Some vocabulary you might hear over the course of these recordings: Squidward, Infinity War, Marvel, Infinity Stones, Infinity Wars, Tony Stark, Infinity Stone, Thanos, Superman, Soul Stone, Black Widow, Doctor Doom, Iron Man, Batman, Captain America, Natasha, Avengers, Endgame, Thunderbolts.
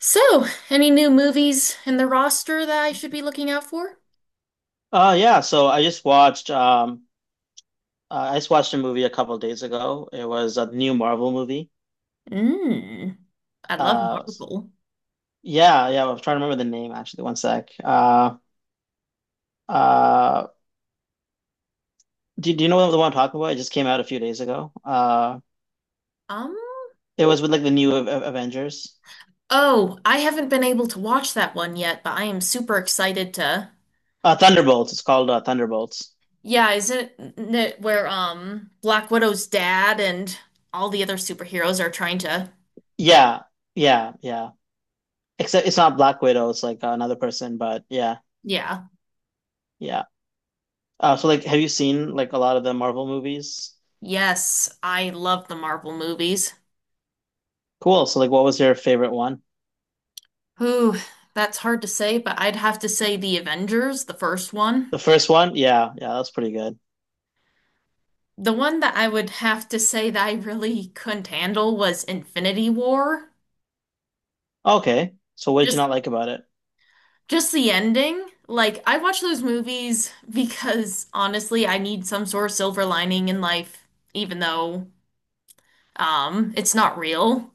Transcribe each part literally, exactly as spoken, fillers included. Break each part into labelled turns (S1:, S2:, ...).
S1: So, any new movies in the roster that I should be looking out for?
S2: Uh yeah, so I just watched um uh, I just watched a movie a couple of days ago. It was a new Marvel movie.
S1: Mm.
S2: Uh yeah, yeah, I'm trying to remember the name actually. One sec. Uh uh do, do you know the one I'm talking about? It just came out a few days ago. Uh
S1: Um,
S2: it was with like the new A- A- Avengers.
S1: oh, I haven't been able to watch that one yet, but I am super excited to.
S2: Uh Thunderbolts. It's called uh, Thunderbolts.
S1: Yeah, is it n- n- where um Black Widow's dad and all the other superheroes are trying to?
S2: Yeah. Yeah, yeah. Except it's not Black Widow, it's like another person, but yeah.
S1: Yeah.
S2: Yeah. Uh so like have you seen like a lot of the Marvel movies?
S1: Yes, I love the Marvel movies.
S2: Cool. So like what was your favorite one?
S1: Whew, that's hard to say, but I'd have to say the Avengers, the first one.
S2: The first one? Yeah, yeah, that's pretty good.
S1: The one that I would have to say that I really couldn't handle was Infinity War.
S2: Okay. So what did you
S1: Just
S2: not like about it?
S1: just the ending. Like I watch those movies because honestly, I need some sort of silver lining in life, even though um it's not real.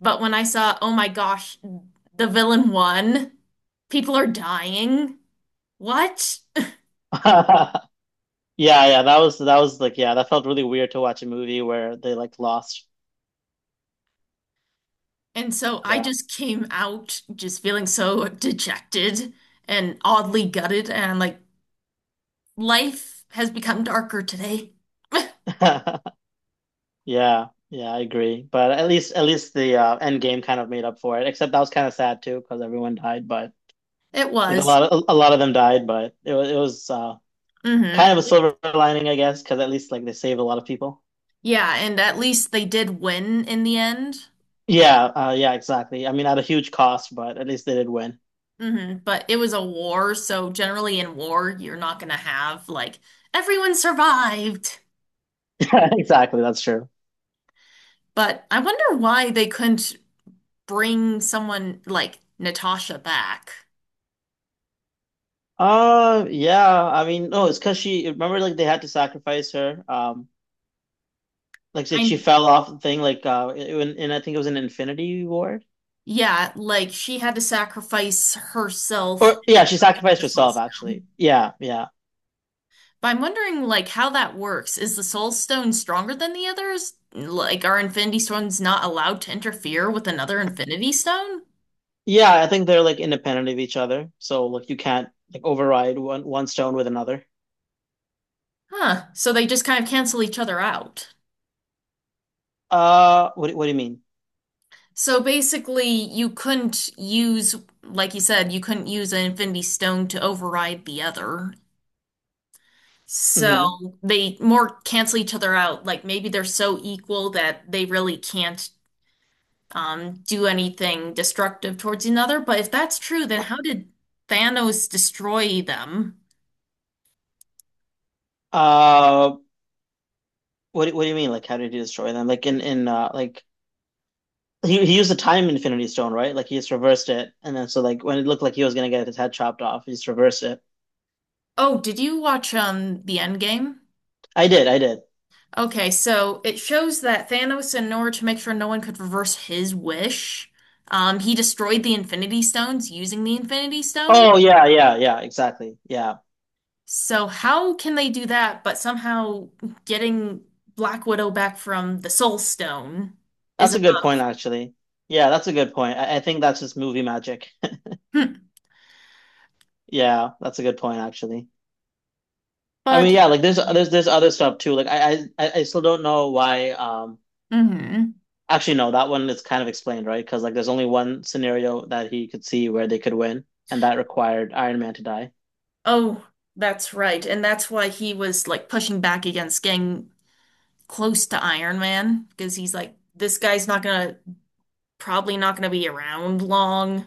S1: But when I saw, oh my gosh, the villain won, people are dying. What?
S2: Yeah, yeah, that was that was like yeah, that felt really weird to watch a movie where they like lost.
S1: And so I
S2: Yeah.
S1: just came out just feeling so dejected and oddly gutted and like life has become darker today.
S2: Yeah. Yeah, I agree. But at least at least the uh end game kind of made up for it. Except that was kind of sad too because everyone died, but
S1: It
S2: like a
S1: was.
S2: lot of a lot of them died, but it was it was uh
S1: Hmm,
S2: kind of a silver lining, I guess, because at least like they saved a lot of people.
S1: yeah, and at least they did win in the end.
S2: Yeah, uh yeah, exactly. I mean, at a huge cost, but at least they did win.
S1: Hmm. But it was a war, so generally in war, you're not gonna have like everyone survived.
S2: Exactly, that's true.
S1: But I wonder why they couldn't bring someone like Natasha back.
S2: Uh, yeah. I mean, no, it's because she remember like they had to sacrifice her. Um, like, like
S1: I
S2: she fell off the thing. Like, uh, in, in I think it was an Infinity Ward.
S1: Yeah, like she had to sacrifice herself in
S2: Or yeah, she
S1: order to get
S2: sacrificed
S1: the Soul
S2: herself
S1: Stone.
S2: actually. Yeah, yeah,
S1: But I'm wondering like how that works. Is the Soul Stone stronger than the others? Like are Infinity Stones not allowed to interfere with another Infinity Stone?
S2: yeah. I think they're like independent of each other. So like you can't like override one one stone with another.
S1: Huh. So they just kind of cancel each other out.
S2: Uh, what do- what do you mean?
S1: So basically, you couldn't use, like you said, you couldn't use an Infinity Stone to override the other.
S2: Mm-hmm.
S1: So they more cancel each other out. Like maybe they're so equal that they really can't um, do anything destructive towards another. But if that's true, then how did Thanos destroy them?
S2: Uh, what do- what do you mean? Like, how did he destroy them? Like in in uh like. He, he used the time infinity stone, right? Like he just reversed it, and then so like when it looked like he was gonna get his head chopped off, he just reversed it.
S1: Oh, did you watch um the Endgame?
S2: I did, I did.
S1: Okay, so it shows that Thanos, in order to make sure no one could reverse his wish, um, he destroyed the Infinity Stones using the Infinity Stone.
S2: Oh yeah, yeah, yeah, exactly. Yeah.
S1: So how can they do that, but somehow getting Black Widow back from the Soul Stone is
S2: That's
S1: a
S2: a good point actually. Yeah, that's a good point. I, I think that's just movie magic.
S1: hmm.
S2: Yeah, that's a good point actually. I
S1: But
S2: mean, yeah, like there's
S1: yeah.
S2: there's there's other stuff too. Like I I I I still don't know why um
S1: Hmm.
S2: actually no, that one is kind of explained, right? Because like there's only one scenario that he could see where they could win, and that required Iron Man to die.
S1: Oh, that's right, and that's why he was like pushing back against getting close to Iron Man because he's like, this guy's not gonna probably not gonna be around long.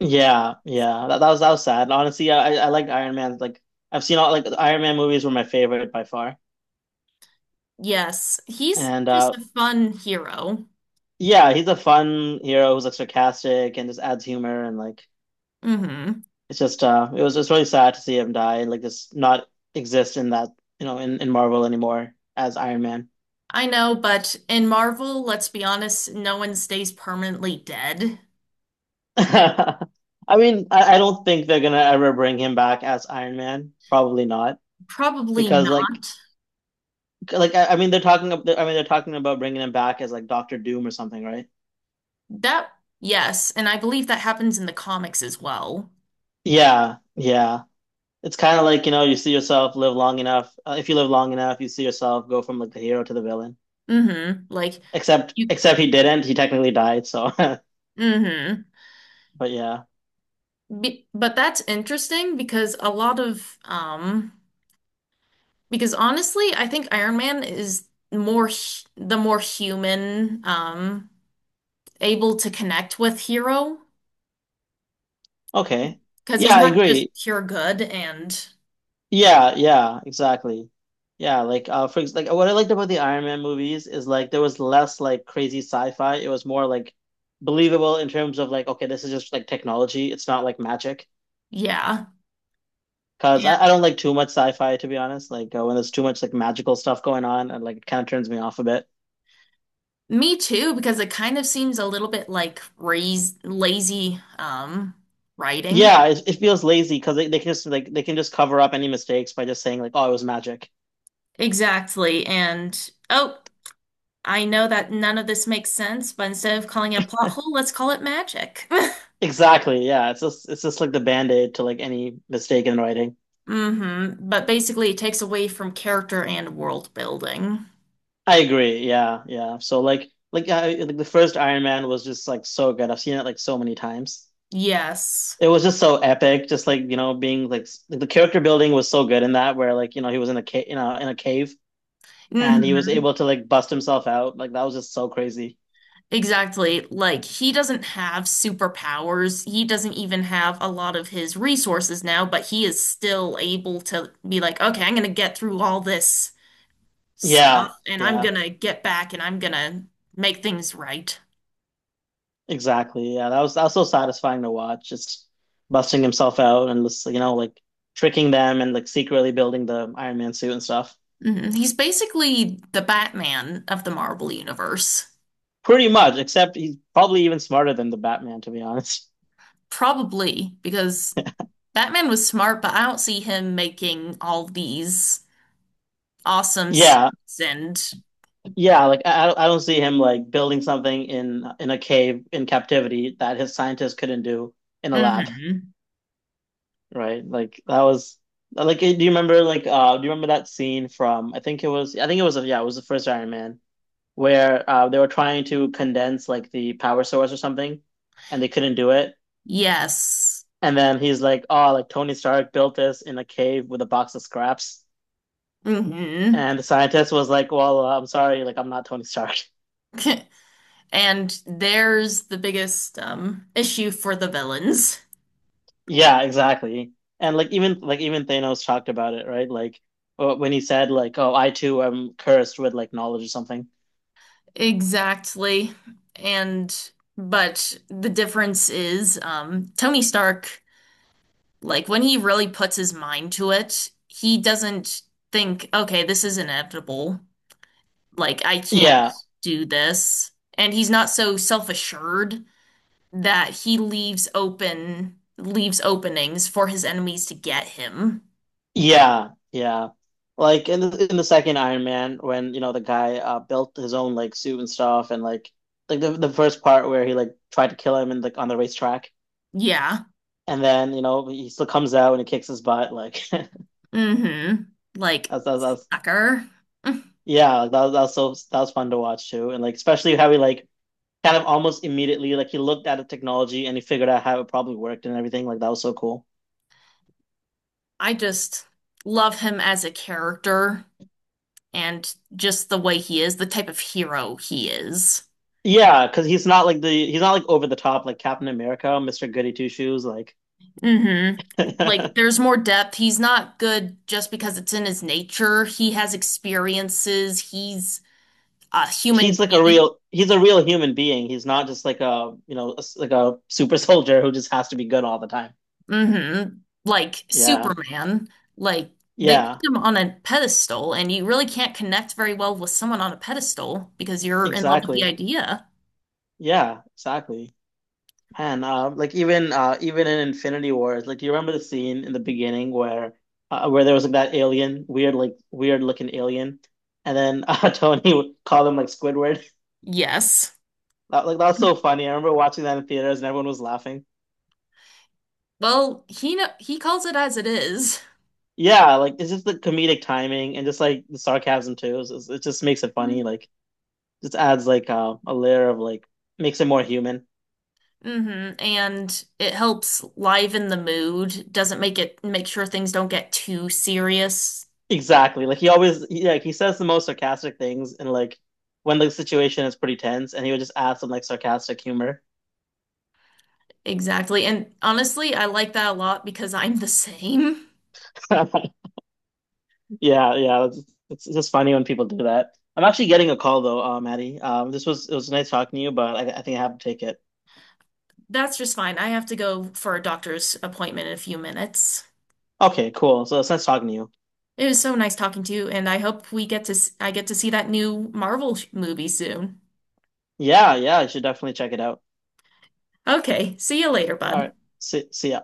S2: Yeah, yeah. That, that was that was sad. Honestly, yeah, I I like Iron Man. Like I've seen all like Iron Man movies were my favorite by far.
S1: Yes, he's
S2: And
S1: just
S2: uh
S1: a fun hero.
S2: yeah, he's a fun hero who's like sarcastic and just adds humor and like
S1: Hmm.
S2: it's just uh it was just really sad to see him die and like just not exist in that you know in, in Marvel anymore as Iron Man.
S1: I know, but in Marvel, let's be honest, no one stays permanently dead.
S2: I mean, I, I don't think they're gonna ever bring him back as Iron Man. Probably not
S1: Probably
S2: because like
S1: not.
S2: like I, I mean they're talking ab- I mean they're talking about bringing him back as like Doctor Doom or something, right?
S1: That, yes, and I believe that happens in the comics as well.
S2: Yeah, yeah. It's kind of like, you know, you see yourself live long enough. Uh, if you live long enough, you see yourself go from like the hero to the villain.
S1: Hmm. Like
S2: Except
S1: you,
S2: except he didn't. He technically died, so but
S1: hmm.
S2: yeah.
S1: Be but that's interesting because a lot of, um, because honestly, I think Iron Man is more hu- the more human, um, able to connect with hero.
S2: Okay.
S1: Because he's
S2: Yeah, I
S1: not just
S2: agree.
S1: pure good and
S2: Yeah, yeah, exactly. Yeah, like uh for ex- like what I liked about the Iron Man movies is like there was less like crazy sci-fi. It was more like believable in terms of like okay, this is just like technology. It's not like magic.
S1: yeah.
S2: 'Cause I, I
S1: And
S2: don't like too much sci-fi to be honest. Like uh, when there's too much like magical stuff going on and like it kind of turns me off a bit.
S1: me too, because it kind of seems a little bit like raz lazy um writing.
S2: Yeah, it, it feels lazy because they, they can just like they can just cover up any mistakes by just saying like oh it was magic.
S1: Exactly. And oh, I know that none of this makes sense, but instead of calling it a plot hole, let's call it magic.
S2: Exactly. Yeah. It's just it's just like the band-aid to like any mistake in writing.
S1: Hmm. But basically it takes away from character and world building.
S2: I agree. Yeah. Yeah. So like like I, like the first Iron Man was just like so good. I've seen it like so many times.
S1: Yes.
S2: It was just so epic. Just like you know being like s- like, the character building was so good in that where like you know he was in a cave you know in a cave and he was
S1: Hmm.
S2: able to like bust himself out. Like that was just so crazy.
S1: Exactly. Like, he doesn't have superpowers. He doesn't even have a lot of his resources now, but he is still able to be like, okay, I'm gonna get through all this stuff
S2: Yeah.
S1: and I'm
S2: Yeah.
S1: gonna get back and I'm gonna make things right.
S2: Exactly. Yeah, that was that was so satisfying to watch. Just busting himself out and just, you know, like tricking them and like secretly building the Iron Man suit and stuff.
S1: Mhm. He's basically the Batman of the Marvel Universe.
S2: Pretty much, except he's probably even smarter than the Batman, to be honest.
S1: Probably, because Batman was smart, but I don't see him making all these awesome s-
S2: Yeah,
S1: and.
S2: yeah. Like I, I don't see him like building something in in a cave in captivity that his scientists couldn't do in a lab,
S1: Hmm.
S2: right? Like that was like. Do you remember like uh do you remember that scene from? I think it was. I think it was. Yeah, it was the first Iron Man where uh, they were trying to condense like the power source or something, and they couldn't do it.
S1: Yes.
S2: And then he's like, "Oh, like Tony Stark built this in a cave with a box of scraps."
S1: Hmm.
S2: And the scientist was like, "Well, uh, I'm sorry, like I'm not Tony Stark."
S1: And there's the biggest um, issue for the villains.
S2: Yeah, exactly. And like even like even Thanos talked about it, right? Like uh, when he said like, "Oh, I too am cursed with like knowledge or something."
S1: Exactly. And but the difference is um, Tony Stark, like when he really puts his mind to it, he doesn't think, okay, this is inevitable. Like I can't
S2: Yeah,
S1: do this. And he's not so self-assured that he leaves open leaves openings for his enemies to get him.
S2: Yeah, yeah. Like in the in the second Iron Man, when you know the guy uh, built his own like suit and stuff, and like like the the first part where he like tried to kill him and like on the racetrack,
S1: Yeah.
S2: and then you know he still comes out and he kicks his butt. Like that's
S1: Mm-hmm. Like,
S2: that's, that's
S1: sucker. Mm-hmm.
S2: yeah, that was, that was so that was fun to watch too, and like especially how he like kind of almost immediately like he looked at the technology and he figured out how it probably worked and everything. Like that was so cool.
S1: I just love him as a character and just the way he is, the type of hero he is.
S2: Yeah, because he's not like the he's not like over the top like Captain America, mister Goody Two Shoes, like.
S1: Mm-hmm. Like, there's more depth. He's not good just because it's in his nature. He has experiences. He's a human
S2: He's like a
S1: being.
S2: real he's a real human being. He's not just like a you know like a super soldier who just has to be good all the time.
S1: Mm-hmm. Like
S2: Yeah,
S1: Superman. Like, they
S2: yeah,
S1: put him on a pedestal, and you really can't connect very well with someone on a pedestal because you're in love with the
S2: exactly.
S1: idea.
S2: Yeah, exactly. Man, uh, like even uh, even in Infinity Wars, like do you remember the scene in the beginning where uh, where there was like that alien, weird like weird looking alien, and then uh, Tony would call him like Squidward.
S1: Yes.
S2: That, like that was so funny. I remember watching that in theaters and everyone was laughing.
S1: Well, he know he calls it as it
S2: Yeah, like it's just the comedic timing and just like the sarcasm too. It's, it's- it just makes it funny.
S1: Mhm.
S2: Like just adds like uh, a layer of like makes it more human.
S1: Mm-hmm. And it helps liven the mood, doesn't make it make sure things don't get too serious.
S2: Exactly. Like he always he, like he says the most sarcastic things and like when the situation is pretty tense and he would just add some like sarcastic humor.
S1: Exactly. And honestly, I like that a lot because I'm the same.
S2: Yeah, yeah. It's, it's just funny when people do that. I'm actually getting a call though, uh, Maddie. Um, this was It was nice talking to you, but I, I think I have to take it.
S1: That's just fine. I have to go for a doctor's appointment in a few minutes.
S2: Okay, cool. So it's nice talking to you.
S1: It was so nice talking to you, and I hope we get to s- I get to see that new Marvel sh- movie soon.
S2: Yeah, yeah. I should definitely check it out.
S1: Okay, see you later,
S2: All
S1: bud.
S2: right. See, see ya.